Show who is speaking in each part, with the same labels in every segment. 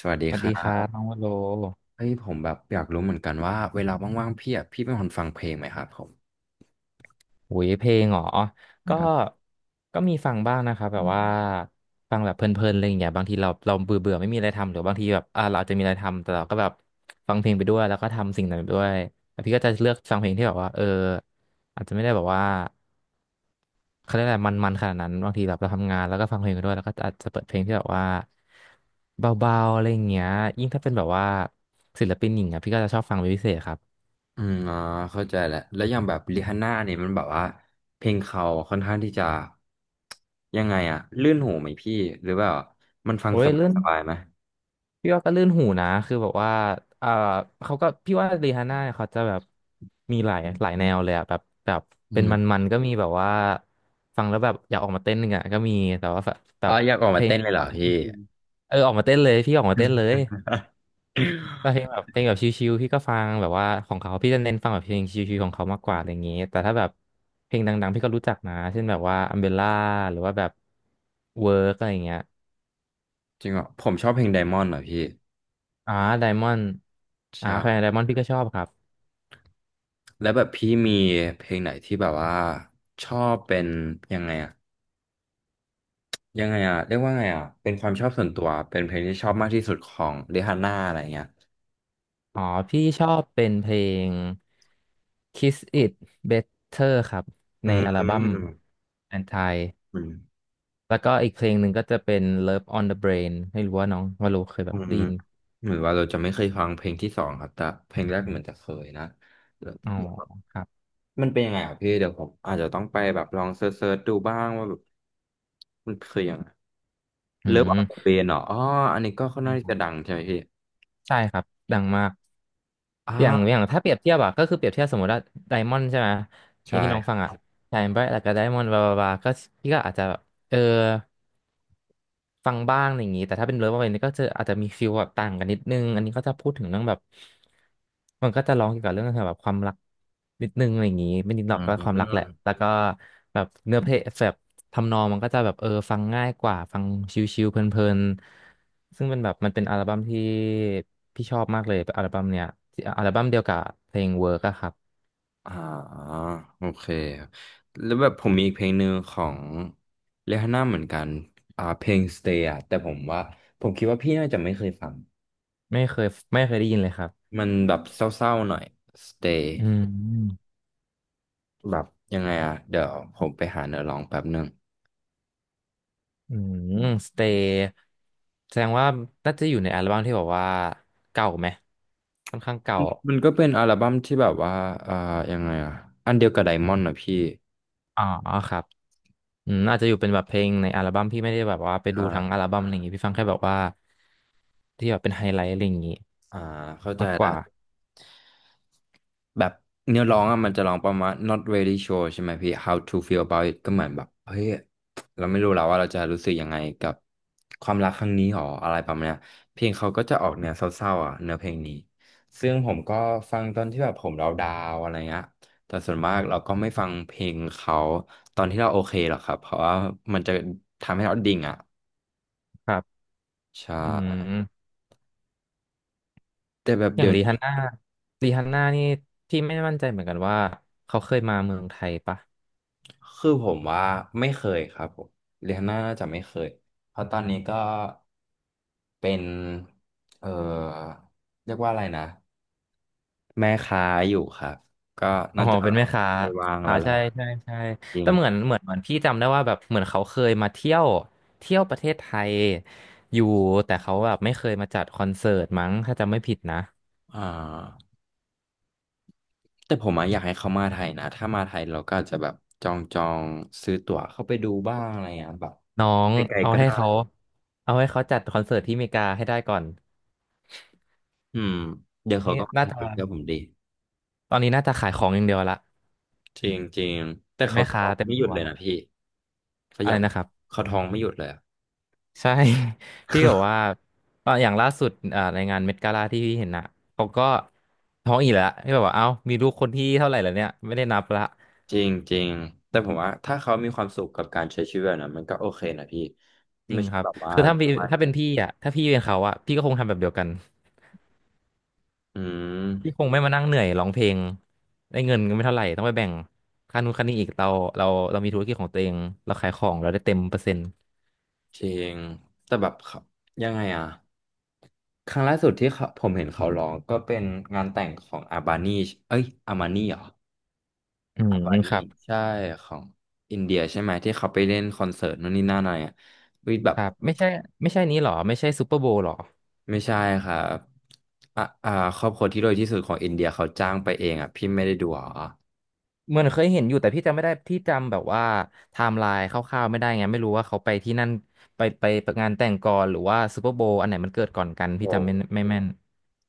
Speaker 1: สวัสดี
Speaker 2: สวั
Speaker 1: ค
Speaker 2: สดี
Speaker 1: รั
Speaker 2: ครับ
Speaker 1: บ
Speaker 2: น้องวโล
Speaker 1: เฮ้ยผมแบบอยากรู้เหมือนกันว่าเวลาว่างๆพี่อ่ะพี่เป็นคนฟังเพลงไหมครับผม
Speaker 2: หุยเพลงเหรอก็
Speaker 1: ครับ
Speaker 2: ก็มีฟังบ้างนะครับแบบว่าฟังแบบเพลินๆอะไรอย่างเงี้ยบางทีเราเบื่อเบื่อไม่มีอะไรทำหรือบางทีแบบเราอาจจะมีอะไรทำ แต่เราก็แบบฟังเพลงไปด้วยแล้วก็ทำสิ่งนั้นไปด้วยแล้วพี่ก็จะเลือกฟังเพลงที่แบบว่าเอออาจจะไม่ได้แบบว่าเขาเรียกอะไรมันๆขนาดนั้นบางทีแบบเราทำงานแล้วก็ฟังเพลงไปด้วยแล้วก็อาจจะเปิดเพลงที่แบบว่าเบาๆอะไรอย่างเงี้ยยิ่งถ้าเป็นแบบว่าศิลปินหญิงอ่ะพี่ก็จะชอบฟังเป็นพิเศษครับ
Speaker 1: อืมอ๋อเข้าใจแล้วแล้วอย่างแบบริฮาน่าเนี่ยมันแบบว่าเพลงเขาค่อนข้างที่จะยังไงอ่ะลื่นหูไหมพี่หรือว่ามันฟัง
Speaker 2: โอ้
Speaker 1: ส
Speaker 2: ยเรื่อง
Speaker 1: บายๆไหม
Speaker 2: พี่ว่าก็ลื่นหูนะคือแบบว่าเอ่อเขาก็พี่ว่ารีฮาน่าเนี่ยเขาจะแบบมีหลายหลายแนวเลยอะแบบ
Speaker 1: อื
Speaker 2: เป็นม
Speaker 1: ม
Speaker 2: ันๆก็มีแบบว่าฟังแล้วแบบอยากออกมาเต้นหนึ่งอะก็มีแต่ว่าแบบแบ
Speaker 1: อ๋อ
Speaker 2: บ
Speaker 1: อยากออก
Speaker 2: เพ
Speaker 1: มา
Speaker 2: ลง
Speaker 1: เต้น
Speaker 2: ที่
Speaker 1: เลยเหรอ
Speaker 2: ฟัง
Speaker 1: พี่
Speaker 2: ชิวๆเออออกมาเต้นเลยพี่ออกมาเต้นเลยก็ เพลงแบบเพลงแบบชิวๆพี่ก็ฟังแบบว่าของเขาพี่จะเน้นฟังแบบเพลงชิวๆของเขามากกว่าอะไรอย่างงี้แต่ถ้าแบบเพลงดังๆพี่ก็รู้จักนะเช่นแบบว่าอัมเบล่าหรือว่าแบบเวิร์กอะไรอย่างเงี้ย
Speaker 1: จริงเหรอผมชอบเพลง Diamond เหรอพี่
Speaker 2: อ่าไดมอนด์อ่าใคร
Speaker 1: ใช่
Speaker 2: ไดมอนด์พี่ก็ชอบครับ
Speaker 1: แล้วแบบพี่มีเพลงไหนที่แบบว่าชอบเป็นยังไงอะ ยังไงอ่ะเรียกว่าไงอ่ะเป็นความชอบส่วนตัวเป็นเพลงที่ชอบมากที่สุดของเรฮาน่าอะไรเงี้ย
Speaker 2: อ๋อพี่ชอบเป็นเพลง Kiss It Better ครับ
Speaker 1: อื
Speaker 2: ใน
Speaker 1: ม
Speaker 2: อัล
Speaker 1: อื
Speaker 2: บั้ม
Speaker 1: ม
Speaker 2: Anti แล้วก็อีกเพลงหนึ่งก็จะเป็น Love on the Brain ไม่รู้ว่าน้องวาโลเคยแบ
Speaker 1: อื
Speaker 2: บ
Speaker 1: ม
Speaker 2: ไดยิน
Speaker 1: เหมือนว่าเราจะไม่เคยฟังเพลงที่สองครับแต่เพลงแรกเหมือนจะเคยนะแล้
Speaker 2: อ๋อ
Speaker 1: ว
Speaker 2: ครับ
Speaker 1: มันเป็นยังไงอ่ะพี่เดี๋ยวผมอาจจะต้องไปแบบลองเซิร์ชดูบ้างว่าแบบมันคือยังไง
Speaker 2: อื
Speaker 1: เลิฟออ
Speaker 2: ม
Speaker 1: นเดอะเบนเหรออ๋ออันนี้ก็ค่อน
Speaker 2: ใช่
Speaker 1: ข้าง
Speaker 2: ค
Speaker 1: ที่
Speaker 2: รับ
Speaker 1: จะดังใช่ไหมพี่
Speaker 2: ใช่ครับดังมาก
Speaker 1: อ
Speaker 2: อย่างอ
Speaker 1: ่า
Speaker 2: ย่างถ้าเปรียบเทียบอะก็คือเปรียบเทียบสมมติว่าไดมอนด์ใช่ไหมอย่างที่น้องฟั
Speaker 1: ใช่
Speaker 2: งอะ Shine Bright แล้วก็ Diamond บลาบลาบลาก็พี่ก็อาจจะแบบเออ ฟังบ้างอะไรอย่างนี้แต่ถ้าเป็นเลิฟอะไรนี่ก็จะอาจจะมีฟีลแบบต่างกันนิดนึงอันนี้ก็จะพูดถึงเรื่องแบบมันก็จะร้องเกี่ยวกับเรื่องแบบความรักนิดนึงอะไรอย่างนี้ไม่นิดหร
Speaker 1: อื
Speaker 2: อกก็ความรักแหละ
Speaker 1: ม
Speaker 2: แล้วก็แบบเนื้อเพลงแบบทำนองมันก็จะแบบเออฟังง่ายกว่าฟังชิลๆเพลินๆซึ่งเป็นแบบมันเป็นอัลบั้มที่พี่ชอบมากเลยอัลบั้มเนี้ยอัลบั้มเดียวกับเพลงเวิร์กอะครับ
Speaker 1: อ่าโอเคครับแล้วแบบผมมีอีกเพลงหนึ่งของเรฮาน่าเหมือนกันอ่าเพลง Stay อ่ะแต่ผมว่าผมคิดว่าพี่น่าจะไม่เคยฟัง
Speaker 2: ไม่เคยไม่เคยได้ยินเลยครับ
Speaker 1: มันแบบเศร้าๆหน่อย Stay
Speaker 2: อืม
Speaker 1: แบบยังไงอ่ะเดี๋ยวผมไปหาเนื้อร้องแป๊บหนึ่ง
Speaker 2: อืมสเตย์แสดงว่าน่าจะอยู่ในอัลบั้มที่แบอกว่าเก่าไหมค่อนข้างเก่า
Speaker 1: มันมันก็เป็นอัลบั้มที่แบบว่าอ่ายังไงอ่ะอันเดียวกับไดมอนด์นะพี่
Speaker 2: อ๋อครับอืมอาจจะอยู่เป็นแบบเพลงในอัลบั้มพี่ไม่ได้แบบว่าไป
Speaker 1: อ
Speaker 2: ดูทั้งอัล
Speaker 1: ่า
Speaker 2: บั้มอะไรอย่างงี้พี่ฟังแค่แบบว่าที่แบบเป็นไฮไลท์อะไรอย่างงี้
Speaker 1: อ่าเข้าใจ
Speaker 2: มากก
Speaker 1: แล้ว
Speaker 2: ว่า
Speaker 1: แบบเนื้อร้องอะมันจะร้องประมาณ not really sure ใช่ไหมพี่ how to feel about it ก็เหมือนแบบเฮ้ยเราไม่รู้แล้วว่าเราจะรู้สึกยังไงกับความรักครั้งนี้หรออะไรประมาณเนี้ยเพลงเขาก็จะออกแนวเศร้าๆอ่ะเนื้อเพลงนี้ ซึ่งผมก็ฟังตอนที่แบบผมเราดาวน์อะไรเงี้ยแต่ส่วนมากเราก็ไม่ฟังเพลงเขาตอนที่เราโอเคหรอกครับ เพราะว่ามันจะทำให้เราดิ่งอ่ะ
Speaker 2: ครับ
Speaker 1: ใช่
Speaker 2: อืม
Speaker 1: แต่แบบ
Speaker 2: อย่า
Speaker 1: เดี๋
Speaker 2: ง
Speaker 1: ยว
Speaker 2: รี
Speaker 1: นี้
Speaker 2: ฮันน่ารีฮันน่านี่พี่ไม่มั่นใจเหมือนกันว่าเขาเคยมาเมืองไทยปะ
Speaker 1: คือผมว่าไม่เคยครับผมเรียนน่าจะไม่เคยเพราะตอนนี้ก็ เป็นเอ่อเรียกว่าอะไรนะแม่ค้าอยู่ครับก็
Speaker 2: อ๋อ
Speaker 1: น่าจะ
Speaker 2: เป็นแม่ค้า
Speaker 1: ไม่ว่าง
Speaker 2: อ่า
Speaker 1: แล้วแหละ
Speaker 2: ใช่ใช่ใช่
Speaker 1: จริง
Speaker 2: แต่เหมือนพี่จำได้ว่าแบบเหมือนเขาเคยมาเที่ยวเที่ยวประเทศไทยอยู่แต่เขาแบบไม่เคยมาจัดคอนเสิร์ตมั้งถ้าจำไม่ผิดนะ
Speaker 1: อ่าแต่ผมอะอยากให้เขามาไทยนะถ้ามาไทยเราก็อาจจะแบบจองจองซื้อตั๋วเข้าไปดูบ้างอะไรอย่างเงี้ยแบบ
Speaker 2: น้อง
Speaker 1: ไกล
Speaker 2: เอา
Speaker 1: ๆก็
Speaker 2: ให้
Speaker 1: ได้
Speaker 2: เขาเอาให้เขาจัดคอนเสิร์ตที่อเมริกาให้ได้ก่อน
Speaker 1: อืมเดี๋ยวเขา
Speaker 2: นี่
Speaker 1: ก็
Speaker 2: น่า
Speaker 1: มา
Speaker 2: จะ
Speaker 1: ไทยเชื่อผมดิ
Speaker 2: ตอนนี้น่าจะขายของอย่างเดียวละ
Speaker 1: จริงจริงแต่
Speaker 2: เป็น
Speaker 1: เขา
Speaker 2: แม่ค้า
Speaker 1: ท้อง
Speaker 2: เต็ม
Speaker 1: ไม่หยุ
Speaker 2: ตั
Speaker 1: ด
Speaker 2: ว
Speaker 1: เลยนะพี่เขา
Speaker 2: อะ
Speaker 1: อ
Speaker 2: ไร
Speaker 1: ยาก
Speaker 2: นะครับ
Speaker 1: เขาท้องไม่หยุดเลยอะ
Speaker 2: ใช่ พี่บอกว่าตอนอย่างล่าสุดอ่าในงานเมดกาลาที่พี่เห็นน่ะเขาก็ท้องอีกแล้วพี่บอกว่าเอ้ามีลูกคนที่เท่าไหร่แล้วเนี่ยไม่ได้นับละ
Speaker 1: จริงจริงแต่ผมว่าถ้าเขามีความสุขกับการใช้ชีวิตแบบนั้นมันก็โอเคนะพี่
Speaker 2: จริ
Speaker 1: ไม่
Speaker 2: ง
Speaker 1: ใช่
Speaker 2: ครับ
Speaker 1: แบบว่า
Speaker 2: คือถ้าพี่
Speaker 1: ว่า
Speaker 2: ถ้าเป็นพี่อ่ะถ้าพี่เป็นเขาอ่ะ พี่ก็คงทำแบบเดียวกัน
Speaker 1: อื
Speaker 2: พี่
Speaker 1: ม
Speaker 2: คงไม่มานั่งเหนื่อยร้องเพลง ได้เงินก็ไม่เท่าไหร่ ต้องไปแบ่งค่านู้นค่านี้อีก เราเรามีธุรกิจของตัวเอง เราขายของเราได้เต็มเปอร์เซ็นต์
Speaker 1: จริงแต่แบบเขายังไงอะครั้งล่าสุดที่เขาผมเห็นเขาร้องก็เป็นงานแต่งของอาบานีเอ้ยอามานีเหรอ
Speaker 2: อืม
Speaker 1: อาบานี
Speaker 2: ครับ
Speaker 1: ใช่ของอินเดียใช่ไหมที่เขาไปเล่นคอนเสิร์ตนู่นนี่นั่นอะไรอะวิแบ
Speaker 2: ค
Speaker 1: บ
Speaker 2: รับไม่ใช่ ไม่ใช่นี้หรอ ไม่ใช่ซูเปอร์โบว์หรอ
Speaker 1: ไม่ใช่ครับอ่ะอ่าครอบครัวที่รวยที่สุดของอินเดียเขาจ้างไปเองอะพี่ไม่ได้ดูเหรอ
Speaker 2: เหมือนเคยเห็นอยู่แต่พี่จำไม่ได้ พี่จำแบบว่าไทม์ไลน์คร่าวๆไม่ได้ไงไม่รู้ว่าเขาไปที่นั่นไปงานแต่งก่อนหรือว่าซูเปอร์โบว์อันไหนมันเกิดก่อนกันพี่
Speaker 1: โอ้
Speaker 2: จำไม่แม่น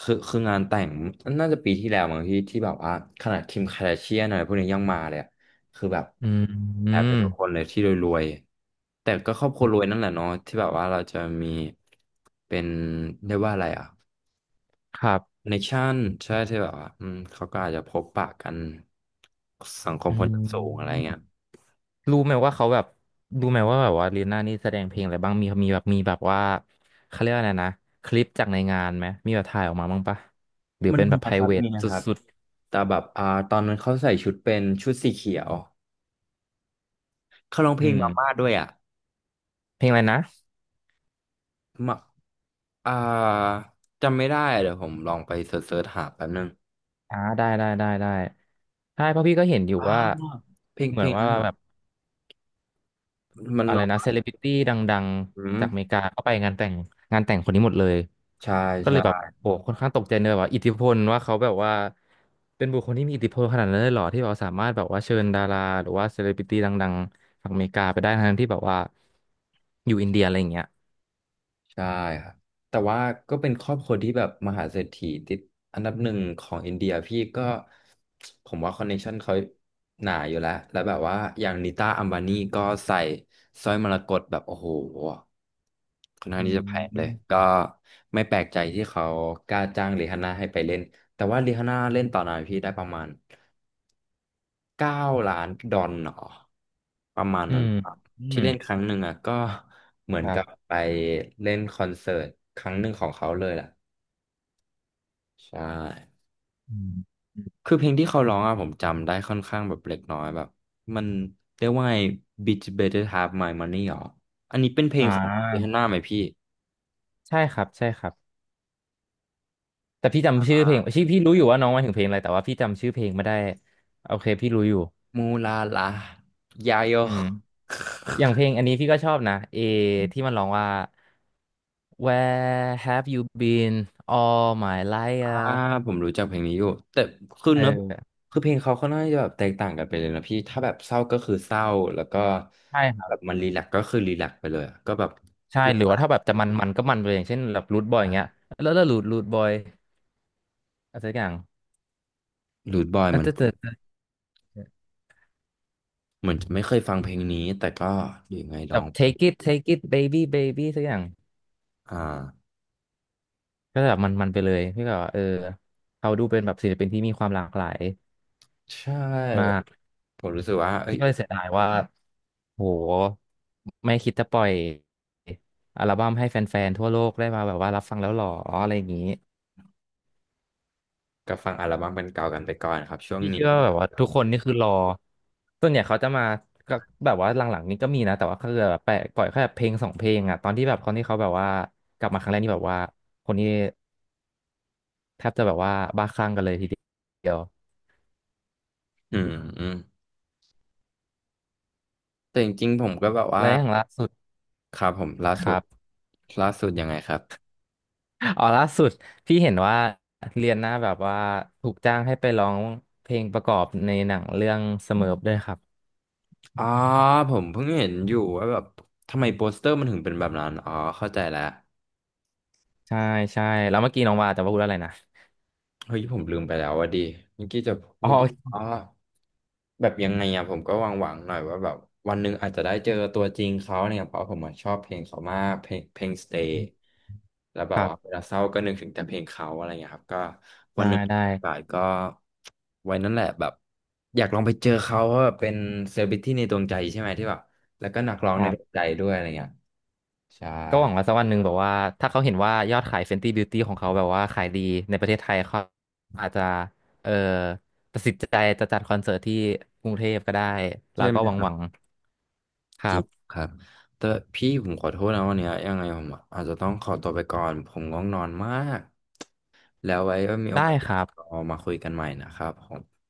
Speaker 1: คือคืองานแต่งน่าจะปีที่แล้วมั้งที่ที่แบบว่าขนาดคิมคา a าเชียนอะไรพวกนี้ยังมาเลยอะคือแบบ
Speaker 2: อืมอื
Speaker 1: แอบไป
Speaker 2: ม
Speaker 1: ทุกคนเลยที่รวยๆแต่ก็ครอบครัวรวยนั่นแหละเนาะที่แบบว่าเราจะมีเป็นเรียกว่าอะไรอ่ะ
Speaker 2: ครั
Speaker 1: ค
Speaker 2: บ
Speaker 1: อนเนคชั่นใช่ที่แบบว่าอืมเขาก็อาจจะพบปะกันสังคม
Speaker 2: อื
Speaker 1: คนชั้นสูงอะไรเงี้ย
Speaker 2: ม รู้ไหมว่าเขาแบบรู้ไหมว่าแบบว่าลีน่านี่แสดงเพลงอะไรบ้างมีแบบมีแบบว่าเขาเรียกว่าอะไรนะคลิปจากในงานไหมมีแบบถ่ายออกมาบ้างปะหรือ
Speaker 1: มัน
Speaker 2: เป็นแบ
Speaker 1: มี
Speaker 2: บ p
Speaker 1: นะค
Speaker 2: r
Speaker 1: รั
Speaker 2: i
Speaker 1: บ
Speaker 2: v a
Speaker 1: มีนะ
Speaker 2: t
Speaker 1: ครับ
Speaker 2: สุด
Speaker 1: แต่แบบอ่าตอนนั้นเขาใส่ชุดเป็นชุดสีเขียวเขาร้อง
Speaker 2: ๆ
Speaker 1: เพ
Speaker 2: อื
Speaker 1: ลง
Speaker 2: ม
Speaker 1: มาม่าด้วยอ่ะ
Speaker 2: เพลงอะไรนะ
Speaker 1: อ่าจำไม่ได้เดี๋ยวผมลองไปเสิร์ชหาแป๊บนึง
Speaker 2: อ่าได้ใช่เพราะพี่ก็เห็นอยู่
Speaker 1: อ้า
Speaker 2: ว่า
Speaker 1: วเพลง
Speaker 2: เห
Speaker 1: เพ
Speaker 2: มือ
Speaker 1: ล
Speaker 2: น
Speaker 1: ง
Speaker 2: ว่า
Speaker 1: นั้นเหร
Speaker 2: แบ
Speaker 1: อ
Speaker 2: บ
Speaker 1: มัน
Speaker 2: อะไร
Speaker 1: ร้อง
Speaker 2: นะ
Speaker 1: แบ
Speaker 2: เซ
Speaker 1: บ
Speaker 2: เลบริตี้ดัง
Speaker 1: อื
Speaker 2: ๆจา
Speaker 1: ม
Speaker 2: กอเมริกาก็ไปงานแต่งงานแต่งคนนี้หมดเลย
Speaker 1: ใช่
Speaker 2: ก็เลยแบบ
Speaker 1: ใช่
Speaker 2: โหค่อนข้างตกใจเลยว่าอิทธิพลว่าเขาแบบว่าเป็นบุคคลที่มีอิทธิพลขนาดนั้นเลยเหรอที่แบบสามารถแบบว่าเชิญดาราหรือว่าเซเลบริตี้ดังๆจากอเมริกาไปได้ทั้งที่แบบว่าอยู่อินเดียอะไรอย่างเงี้ย
Speaker 1: ใช่ครับแต่ว่าก็เป็นครอบครัวที่แบบมหาเศรษฐีติดอันดับหนึ่งของอินเดียพี่ก็ผมว่าคอนเนคชั่นเขาหนาอยู่แล้วแล้วแบบว่าอย่างนิต้าอัมบานีก็ใส่สร้อยมรกตแบบโอ้โหค่อนข้าง
Speaker 2: อื
Speaker 1: ที่จะแพงเลย
Speaker 2: ม
Speaker 1: ก็ไม่แปลกใจที่เขากล้าจ้างริฮาน่าให้ไปเล่นแต่ว่าริฮาน่าเล่นต่อหน่อยพี่ได้ประมาณ 9 ล้านดอลลาร์เหรอประมาณ
Speaker 2: อื
Speaker 1: นั้น
Speaker 2: ม
Speaker 1: ครับ
Speaker 2: อื
Speaker 1: ที่
Speaker 2: ม
Speaker 1: เล่นครั้งหนึ่งอ่ะก็เหมือ
Speaker 2: ค
Speaker 1: น
Speaker 2: รั
Speaker 1: กับ
Speaker 2: บ
Speaker 1: ไปเล่นคอนเสิร์ตครั้งหนึ่งของเขาเลยแหละใช่
Speaker 2: อืมอม
Speaker 1: คือเพลงที่เขาร้องอ่ะผมจำได้ค่อนข้างแบบเล็กน้อยแบบมันเรียกว่าไง Bitch Better Have My Money หรออันนี้เป็นเพล
Speaker 2: อ่
Speaker 1: งของเฮาน
Speaker 2: า
Speaker 1: น่าไหมพี่
Speaker 2: ใช่ครับใช่ครับแต่พี่
Speaker 1: อ่
Speaker 2: จำชื่อเพลงชื่
Speaker 1: า
Speaker 2: อพี่รู้อยู่ว่าน้องหมายถึงเพลงอะไรแต่ว่าพี่จำชื่อเพลงไม่ได้โอเคพี่รู้อยู่
Speaker 1: มูลาลายาโย
Speaker 2: อืม อย่างเพลงอันนี้พี่ก็ชอบนะเอที่มันร้องว่า Where have you been all my life
Speaker 1: อ่า
Speaker 2: อะ
Speaker 1: ผมรู้จักเพลงนี้อยู่แต่คือ
Speaker 2: เออ
Speaker 1: เนื้อคือเพลงเขาค่อนข้างจะแบบแตกต่างกันไปเลยนะพี่ถ้าแบบเศร้าก็คือเศร้าแล้วก็
Speaker 2: ใช่ครั
Speaker 1: แบ
Speaker 2: บ
Speaker 1: บมันรีแลกซ์ก็คือรีแลกซ์ไปเลยอะก็แบบ
Speaker 2: ใช่
Speaker 1: ร
Speaker 2: หรือ
Speaker 1: บา
Speaker 2: ว่า
Speaker 1: ย
Speaker 2: ถ้าแบบจะมันมันก็มันไปเลยอย่างเช่นแบบรูทบอยอย่างเงี้ย
Speaker 1: อะ
Speaker 2: แล้วรูทบอยอะไรสักอย่าง
Speaker 1: รูทบอย
Speaker 2: อ่ะ
Speaker 1: มัน
Speaker 2: จะจะจะ
Speaker 1: เหมือนจะไม่เคยฟังเพลงนี้แต่ก็อยู่ไงล
Speaker 2: แบ
Speaker 1: อ
Speaker 2: บ
Speaker 1: ง
Speaker 2: take it take it baby baby สักอย่าง
Speaker 1: อ่า
Speaker 2: ก็จะแบบมันมันไปเลยพี่ก็แบบว่าเออเขาดูเป็นแบบศิลปินที่มีความหลากหลาย
Speaker 1: ใช่
Speaker 2: มา
Speaker 1: แบบ
Speaker 2: ก
Speaker 1: ผมรู้สึกว่าเอ้
Speaker 2: พี่
Speaker 1: ย
Speaker 2: ก็เลยเสียดายว่า โหไม่คิดจะปล่อยอัลบั้มให้แฟนๆทั่วโลกได้มาแบบว่ารับฟังแล้วหรออะไรอย่างนี้
Speaker 1: ก็ฟังอัลบั้มเป็นเก่ากันไปก่อนครับช่วง
Speaker 2: พี่
Speaker 1: นี้
Speaker 2: เชื่อว่าแบบว่าทุกคนนี่คือรอส่วนใหญ่เขาจะมาก็แบบว่าหลังๆนี้ก็มีนะแต่ว่าคือแบบแปะปล่อยแค่เพลงสองเพลงอ่ะตอนที่แบบคนที่เขาแบบว่ากลับมาครั้งแรกนี่แบบว่าคนนี้แทบจะแบบว่าบ้าคลั่งกันเลยทีเดียว
Speaker 1: อืมอืมแต่จริงๆผมก็แบบว่า
Speaker 2: และอย่างล่าสุด
Speaker 1: ครับผมล่า
Speaker 2: ค
Speaker 1: สุด
Speaker 2: รับ
Speaker 1: ล่าสุดยังไงครับ
Speaker 2: อ๋อล่าสุดพี่เห็นว่าเรียนหน้าแบบว่าถูกจ้างให้ไปร้องเพลงประกอบในหนังเรื่องเสมอด้วยครับ
Speaker 1: อ๋อผมเพิ่งเห็นอยู่ว่าแบบทำไมโปสเตอร์มันถึงเป็นแบบนั้นอ๋อเข้าใจแล้ว
Speaker 2: ใช่ใช่แล้วเมื่อกี้น้องว่าแต่ว่าพูดอะไรนะ
Speaker 1: เฮ้ยผมลืมไปแล้วว่าดีเมื่อกี้จะพู
Speaker 2: อ๋
Speaker 1: ด
Speaker 2: อ
Speaker 1: อ๋อแบบยังไงอะผมก็หวังๆหน่อยว่าแบบวันหนึ่งอาจจะได้เจอตัวจริงเขาเนี่ยเพราะผมอะชอบเพลงเขามากเพลงเพลง Stay แล้วแบ
Speaker 2: ค
Speaker 1: บ
Speaker 2: รั
Speaker 1: ว่าเว
Speaker 2: บ
Speaker 1: ลาเศร้าก็นึกถึงแต่เพลงเขาอะไรเงี้ยครับก็วั
Speaker 2: ได้
Speaker 1: นหนึ่ง
Speaker 2: ได้
Speaker 1: มีโอกาสก็ไว้นั่นแหละแบบอยากลองไปเจอเขาเพราะแบบเป็นเซเลบริตี้ในดวงใจใช่ไหมที่แบบแล้วก็นักร้อง
Speaker 2: ค
Speaker 1: ใน
Speaker 2: รั
Speaker 1: ดวง
Speaker 2: บ
Speaker 1: ใจด้วยอะไรเงี้ย ใช่
Speaker 2: ก็หวังว่าสักวันหนึ่งแบบว่าถ้าเขาเห็นว่ายอดขาย Fenty Beauty ของเขาแบบว่าขายดีในประเทศไทยเขาอาจจะเอ่อตัดสินใจจะจัดคอนเสิร์ตที่กรุงเทพก็ได้แล้
Speaker 1: ใช่
Speaker 2: ว
Speaker 1: ไหม
Speaker 2: ก็หวัง
Speaker 1: ครั
Speaker 2: ห
Speaker 1: บ
Speaker 2: วังค
Speaker 1: จ
Speaker 2: รั
Speaker 1: ริง
Speaker 2: บ
Speaker 1: ครับแต่พี่ผมขอโทษนะวันเนี้ยยังไงผมอาจจะต้องขอตัวไปก่อนผมง่วงนอนมากแล้วไว้ว่ามีโอ
Speaker 2: ได้
Speaker 1: กาส
Speaker 2: ครั
Speaker 1: เรา
Speaker 2: บ
Speaker 1: มาคุยกันใหม่นะครับผม